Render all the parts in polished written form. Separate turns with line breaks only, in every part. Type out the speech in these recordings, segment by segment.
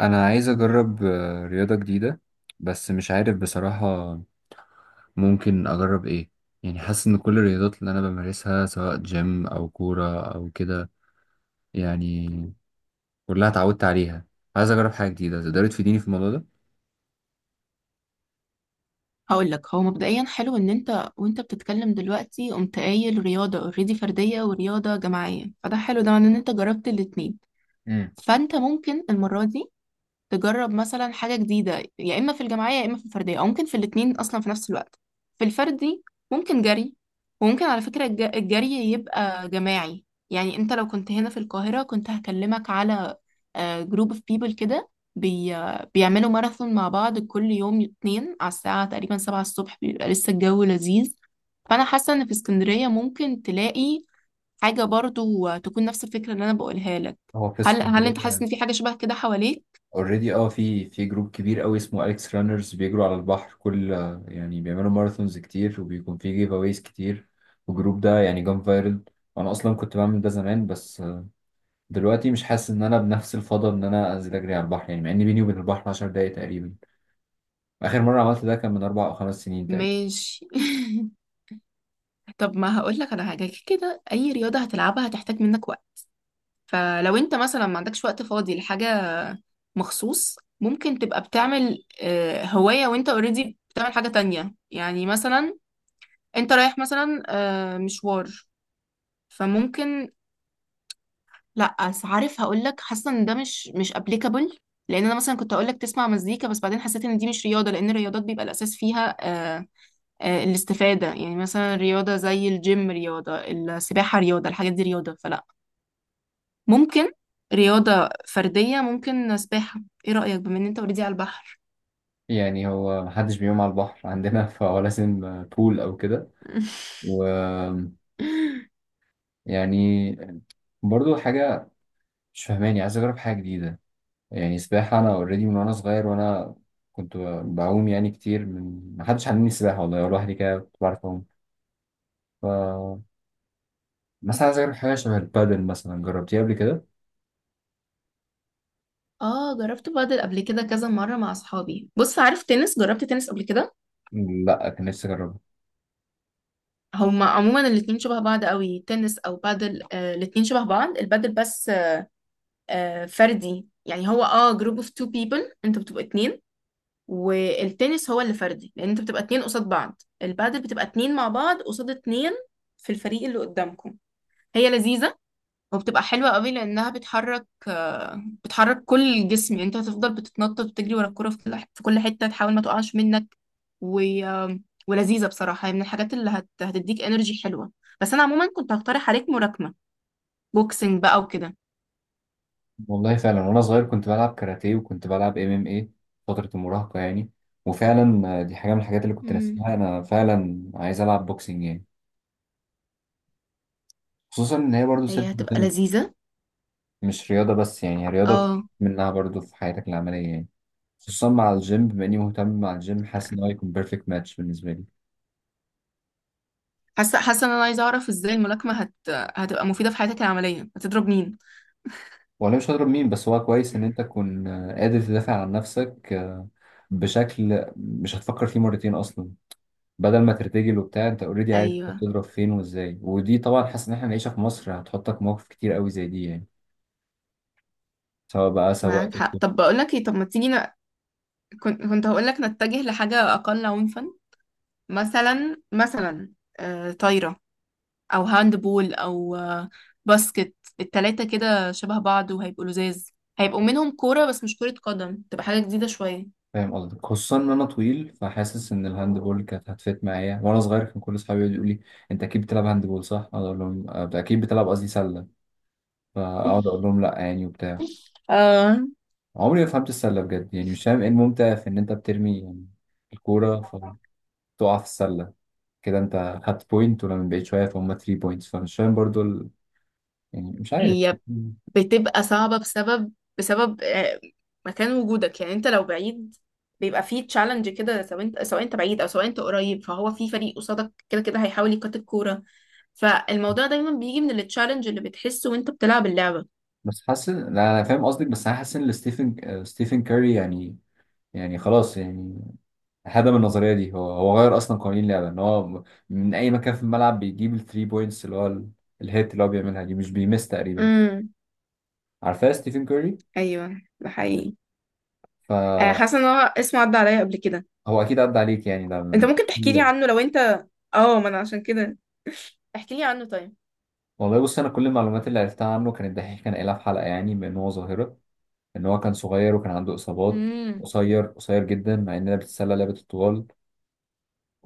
انا عايز اجرب رياضة جديدة، بس مش عارف بصراحة ممكن اجرب ايه. يعني حاسس ان كل الرياضات اللي انا بمارسها سواء جيم او كورة او كده، يعني كلها اتعودت عليها. عايز اجرب حاجة جديدة تقدري تفيديني في الموضوع ده.
هقول لك هو مبدئيا حلو ان انت وانت بتتكلم دلوقتي قمت قايل رياضه اوريدي فرديه ورياضه جماعيه، فده حلو. ده معناه ان انت جربت الاتنين.
امم
فانت ممكن المره دي تجرب مثلا حاجة جديدة، يا إما في الجماعية يا إما في الفردية، أو ممكن في الاتنين أصلا في نفس الوقت. في الفردي ممكن جري. وممكن على فكرة الجري يبقى جماعي. يعني أنت لو كنت هنا في القاهرة كنت هكلمك على جروب اوف بيبل كده، بي بيعملوا ماراثون مع بعض كل يوم اتنين على الساعة تقريبا سبعة الصبح، بيبقى لسه الجو لذيذ. فأنا حاسة إن في اسكندرية ممكن تلاقي حاجة برضو تكون نفس الفكرة اللي أنا بقولها لك.
هو في
هل أنت حاسس
اسكندرية
إن في حاجة شبه كده حواليك؟
اوريدي اه، في جروب كبير قوي اسمه اليكس رانرز بيجروا على البحر كل يعني، بيعملوا ماراثونز كتير وبيكون في جيف اويز كتير، والجروب ده يعني جام فايرل. وانا اصلا كنت بعمل ده زمان، بس دلوقتي مش حاسس ان انا بنفس الفضل ان انا انزل اجري على البحر، يعني مع ان بيني وبين البحر 10 دقايق تقريبا. اخر مره عملت ده كان من اربع او خمس سنين تقريبا.
ماشي. طب ما هقول لك على حاجه كده. اي رياضه هتلعبها هتحتاج منك وقت. فلو انت مثلا ما عندكش وقت فاضي لحاجه مخصوص، ممكن تبقى بتعمل هوايه وانت اوريدي بتعمل حاجه تانية. يعني مثلا انت رايح مثلا مشوار، فممكن. لا بس عارف، هقول لك، حاسه ان ده مش ابليكابل. لان انا مثلا كنت هقول لك تسمع مزيكا، بس بعدين حسيت ان دي مش رياضه. لان الرياضات بيبقى الاساس فيها الاستفادة. يعني مثلا رياضة زي الجيم، رياضة السباحة، رياضة الحاجات دي رياضة. فلا، ممكن رياضة فردية، ممكن سباحة. ايه رأيك بما ان انت اوريدي على البحر؟
يعني هو محدش بيقوم على البحر عندنا فولا سن بول او كده، و يعني برضو حاجه مش فاهماني، عايز اجرب حاجه جديده. يعني سباحه انا اوريدي من وانا صغير، وانا كنت بعوم يعني كتير، من محدش علمني السباحه والله، لوحدي كده كنت بعرف اعوم. ف مثلا عايز اجرب حاجه شبه البادل، مثلا جربتيها قبل كده؟
اه، جربت بادل قبل كده كذا مرة مع اصحابي. بص، عارف تنس؟ جربت تنس قبل كده.
لا كان نفسي اجربها.
هما عموما الاتنين شبه بعض قوي، تنس او بادل. آه الاتنين شبه بعض، البادل بس فردي. يعني هو جروب اوف تو بيبل، انتوا بتبقوا اتنين. والتنس هو اللي فردي لان انت بتبقى اتنين قصاد بعض. البادل بتبقى اتنين مع بعض قصاد اتنين في الفريق اللي قدامكم. هي لذيذة وبتبقى حلوة قوي لانها بتحرك، بتحرك كل الجسم. يعني انت هتفضل بتتنطط وتجري ورا الكرة في كل حتة تحاول ما تقعش منك. و... آه، ولذيذة بصراحة. هي من الحاجات اللي هتديك انرجي حلوة. بس انا عموما كنت هقترح عليك ملاكمة، بوكسنج بقى وكده.
والله فعلا وانا صغير كنت بلعب كاراتيه وكنت بلعب ام ام اي فتره المراهقه يعني. وفعلا دي حاجه من الحاجات اللي كنت
مم.
ناسيها، انا فعلا عايز العب بوكسنج يعني. خصوصا ان هي برضه سيلف
هي هتبقى
ديفنس،
لذيذة.
مش رياضه بس، يعني هي رياضه بتستفيد
اه،
منها برضه في حياتك العمليه يعني. خصوصا مع الجيم، بما اني مهتم مع الجيم، حاسس ان هو هيكون بيرفكت ماتش بالنسبه لي.
حاسه ان انا عايزه اعرف ازاي الملاكمه هتبقى مفيده في حياتك العمليه؟ هتضرب مين؟
وانا مش هضرب مين، بس هو كويس ان انت تكون قادر تدافع عن نفسك بشكل مش هتفكر فيه مرتين اصلا، بدل ما ترتجل وبتاع. انت اوريدي عارف انت
ايوه،
بتضرب فين وازاي، ودي طبعا حاسس ان احنا العيشه في مصر هتحطك مواقف كتير قوي زي دي يعني، سواء بقى سواء
معاك حق.
دكتور.
طب بقول لك ايه، طب ما تيجي كنت هقول لك نتجه لحاجه اقل عنفا. مثلا طايره، او هاند بول، او باسكت. التلاته كده شبه بعض وهيبقوا لزاز. هيبقوا منهم كوره بس مش كره قدم، تبقى حاجه جديده شويه.
فاهم قصدك، خصوصا ان انا طويل، فحاسس ان الهاندبول كانت هتفت معايا. وانا صغير كان كل اصحابي يقعدوا يقولوا لي: انت اكيد بتلعب هاندبول صح؟ اقعد اقول لهم اكيد بتلعب"، قصدي سله، فاقعد اقول لهم لا يعني وبتاع.
آه...
عمري ما فهمت السله بجد، يعني مش فاهم ايه الممتع في ان انت بترمي يعني الكوره فتقع في السله، كده انت خدت بوينت، ولما بقيت شويه فهم 3 بوينتس، فمش فاهم برضو ال... يعني مش عارف.
هي بتبقى صعبة بسبب، بسبب مكان وجودك. يعني انت لو بعيد بيبقى فيه تشالنج كده، سواء انت سواء انت بعيد او سواء انت قريب، فهو في فريق قصادك كده كده هيحاول يقاط الكورة. فالموضوع دايما بيجي من التشالنج اللي بتحسه وانت بتلعب اللعبة.
بس حاسس إن- لا انا فاهم قصدك، بس انا حاسس ان ستيفن ستيفن كاري يعني، يعني خلاص يعني هدم النظريه دي. هو غير اصلا قوانين اللعبه، ان هو من اي مكان في الملعب بيجيب الثري بوينتس، اللي هو ال- الهيت اللي هو بيعملها دي مش بيمس تقريبا.
امم.
عارفاه ستيفن كاري؟
ايوه ده حقيقي.
فهو
حاسة ان هو اسمه عدى عليا قبل كده.
اكيد عدى عليك يعني، ده
انت
من
ممكن
قوانين
تحكي لي
اللعبة.
عنه لو انت، اه، ما انا عشان كده. احكي لي عنه طيب.
والله بص، انا كل المعلومات اللي عرفتها عنه كان الدحيح كان قايلها في حلقه، يعني بان هو ظاهره ان هو كان صغير وكان عنده اصابات،
امم.
قصير قصير جدا، مع اننا بتتسلى لعبه الطوال.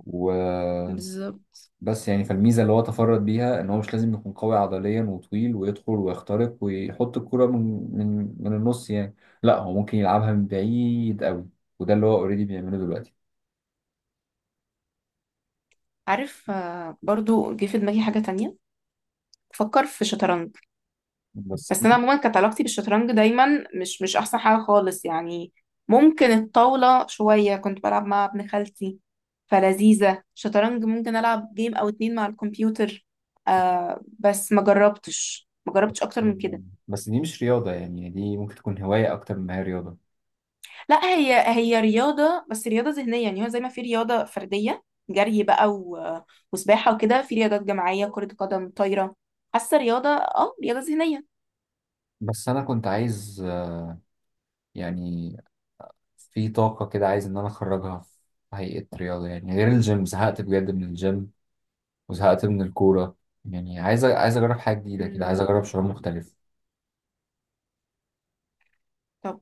و
بالظبط.
بس يعني فالميزة اللي هو تفرد بيها ان هو مش لازم يكون قوي عضليا وطويل ويدخل ويخترق ويحط الكرة من من النص يعني، لا هو ممكن يلعبها من بعيد قوي، وده اللي هو اوريدي بيعمله دلوقتي.
عارف، برضو جه في دماغي حاجة تانية. فكر في شطرنج.
بس دي
بس انا
مش
عموما كانت علاقتي بالشطرنج دايما مش احسن حاجه خالص. يعني ممكن الطاوله شويه كنت بلعب مع ابن خالتي، فلذيذه. شطرنج ممكن العب جيم او اتنين مع الكمبيوتر. آه بس ما جربتش اكتر من كده.
بس دي مش رياضة يعني، دي ممكن تكون هواية أكتر ما هي رياضة.
لا هي، هي رياضه بس رياضه ذهنيه. يعني هو زي ما في رياضه فرديه جري بقى وسباحه وكده، في رياضات جماعيه كره قدم طايره. حاسه رياضه، اه رياضه ذهنيه.
بس أنا كنت عايز يعني في طاقة كده عايز إن أنا أخرجها في هيئة رياضة، يعني غير الجيم، زهقت بجد من الجيم وزهقت من الكورة، يعني عايز أجرب حاجة جديدة كده، عايز أجرب
مم.
شعور مختلف.
طب،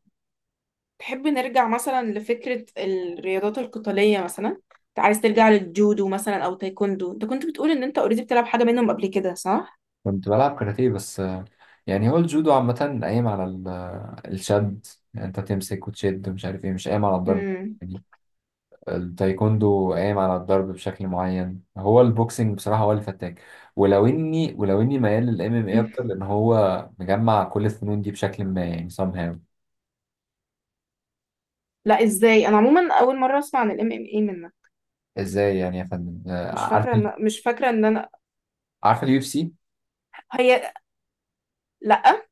تحب نرجع مثلا لفكرة الرياضات القتالية؟ مثلا انت عايز ترجع للجودو مثلا او تايكوندو؟ انت كنت بتقول ان انت اوريدي بتلعب حاجة منهم قبل كده، صح؟
كنت بلعب كاراتيه بس، يعني هو الجودو عامة قايم على ال- الشد، يعني انت تمسك وتشد ومش عارف ايه، مش قايم على الضرب
امم.
يعني. التايكوندو قايم على الضرب بشكل معين، هو البوكسنج بصراحة هو اللي فتاك، ولو اني ميال للام ام اي اكتر، لان هو مجمع كل الفنون دي بشكل ما يعني somehow.
لا ازاي! انا عموما اول مرة اسمع عن الام ام اي منك.
ازاي يعني يا فندم
مش
عارف،
فاكرة ان مش فاكرة ان انا
عارف اليو اف سي
هي. لا.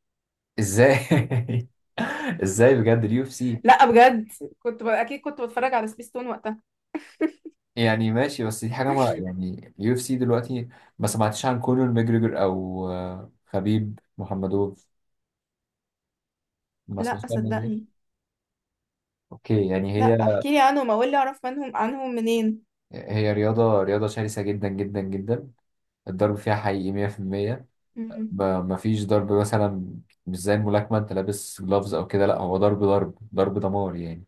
ازاي؟ ازاي بجد اليو اف سي؟
لا بجد، كنت اكيد كنت بتفرج على سبيستون وقتها.
يعني ماشي بس دي حاجة ما يعني، يو اف سي دلوقتي ما سمعتش عن كونر ماجريجر أو خبيب محمدوف؟ ما سمعتش
لا
عن الناس دي؟
صدقني.
أوكي يعني
لا
هي،
احكي لي عنهم، اقول لي اعرف منهم، عنهم منين.
هي رياضة رياضة شرسة جدا جدا جدا، الضرب فيها حقيقي 100%، ما فيش ضرب مثلا مش زي الملاكمة أنت لابس جلافز أو كده، لا هو ضرب ضرب ضرب دمار يعني،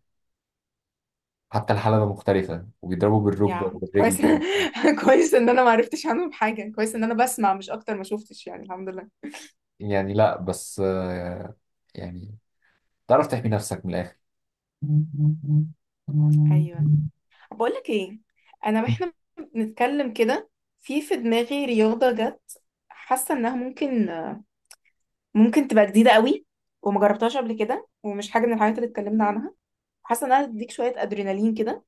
حتى الحلبة مختلفة وبيضربوا بالركبة
يا كويس.
وبالرجل.
كويس ان انا ما عرفتش عنهم حاجه، كويس ان انا بسمع مش اكتر، ما شفتش يعني. الحمد لله.
يعني لا بس يعني تعرف تحمي نفسك من الآخر.
ايوه. بقول لك ايه، انا واحنا بنتكلم كده في دماغي رياضه جت، حاسه انها ممكن، ممكن تبقى جديده قوي، وما جربتهاش قبل كده، ومش حاجه من الحاجات اللي اتكلمنا عنها. حاسه انها تديك شويه ادرينالين كده.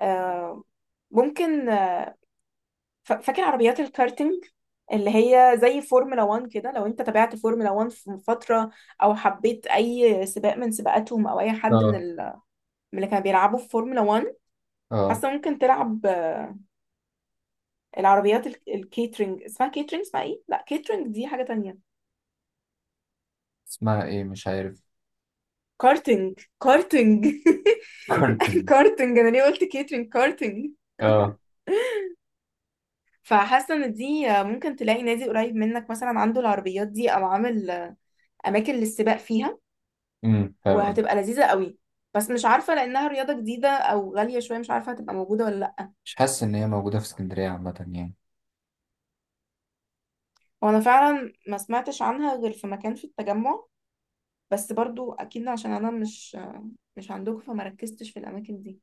آه، ممكن، فاكر عربيات الكارتينج اللي هي زي فورمولا 1 كده؟ لو انت تابعت فورمولا 1 في فترة، او حبيت اي سباق من سباقاتهم، او اي حد من
اه،
من اللي كانوا بيلعبوا في فورمولا 1،
اه،
حاسة ممكن تلعب العربيات الكيترينج. اسمها كيترينج، اسمها ايه؟ لا كيترينج دي حاجة تانية.
اسمها ايه مش عارف،
كارتينج، كارتينج.
كورتين،
كارتينج، انا ليه قلت كيترينج؟ كارتينج.
اه.
فحاسه ان دي ممكن تلاقي نادي قريب منك مثلا عنده العربيات دي، او عامل اماكن للسباق فيها.
فاهم قصدي.
وهتبقى لذيذة قوي. بس مش عارفة، لأنها رياضة جديدة أو غالية شوية، مش عارفة هتبقى موجودة ولا لأ.
مش حاسس ان هي موجودة في اسكندرية عامة يعني.
وأنا فعلا ما سمعتش عنها غير في مكان في التجمع. بس برضو أكيد عشان أنا مش عندكم، فما ركزتش في الأماكن دي.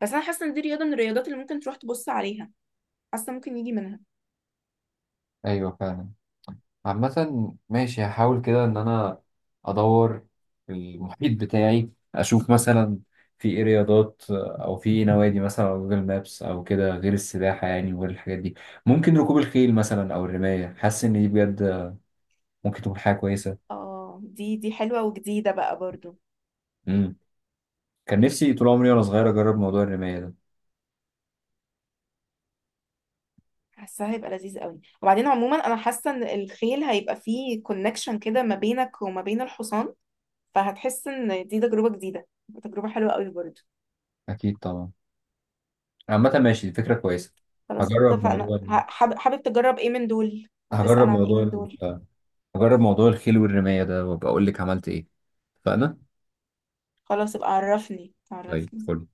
بس أنا حاسة إن دي رياضة من الرياضات اللي ممكن تروح تبص عليها، حاسة ممكن يجي منها.
ايوه فعلا، عامة ماشي، هحاول كده ان انا ادور في المحيط بتاعي، اشوف مثلا في ايه رياضات او في ايه نوادي مثلا على جوجل مابس او كده، غير السباحة يعني وغير الحاجات دي. ممكن ركوب الخيل مثلا او الرماية، حاسس ان دي بجد ممكن تكون حاجة كويسة.
اه، دي حلوة وجديدة بقى برضو.
مم. كان نفسي طول عمري وانا صغير اجرب موضوع الرماية ده.
حاسة هيبقى لذيذ قوي. وبعدين عموما أنا حاسة إن الخيل هيبقى فيه كونكشن كده ما بينك وما بين الحصان، فهتحس إن دي تجربة جديدة، تجربة حلوة قوي برضو.
اكيد طبعا، عامة ماشي دي فكرة كويسة.
خلاص،
هجرب
اتفقنا.
موضوع ال-
حابب تجرب ايه من دول؟
هجرب
هتسأل عن ايه
موضوع
من دول؟
ال- هجرب موضوع الخيل والرماية ده، وابقى اقول لك عملت ايه. اتفقنا،
خلاص يبقى عرفني،
طيب
عرفني.
فل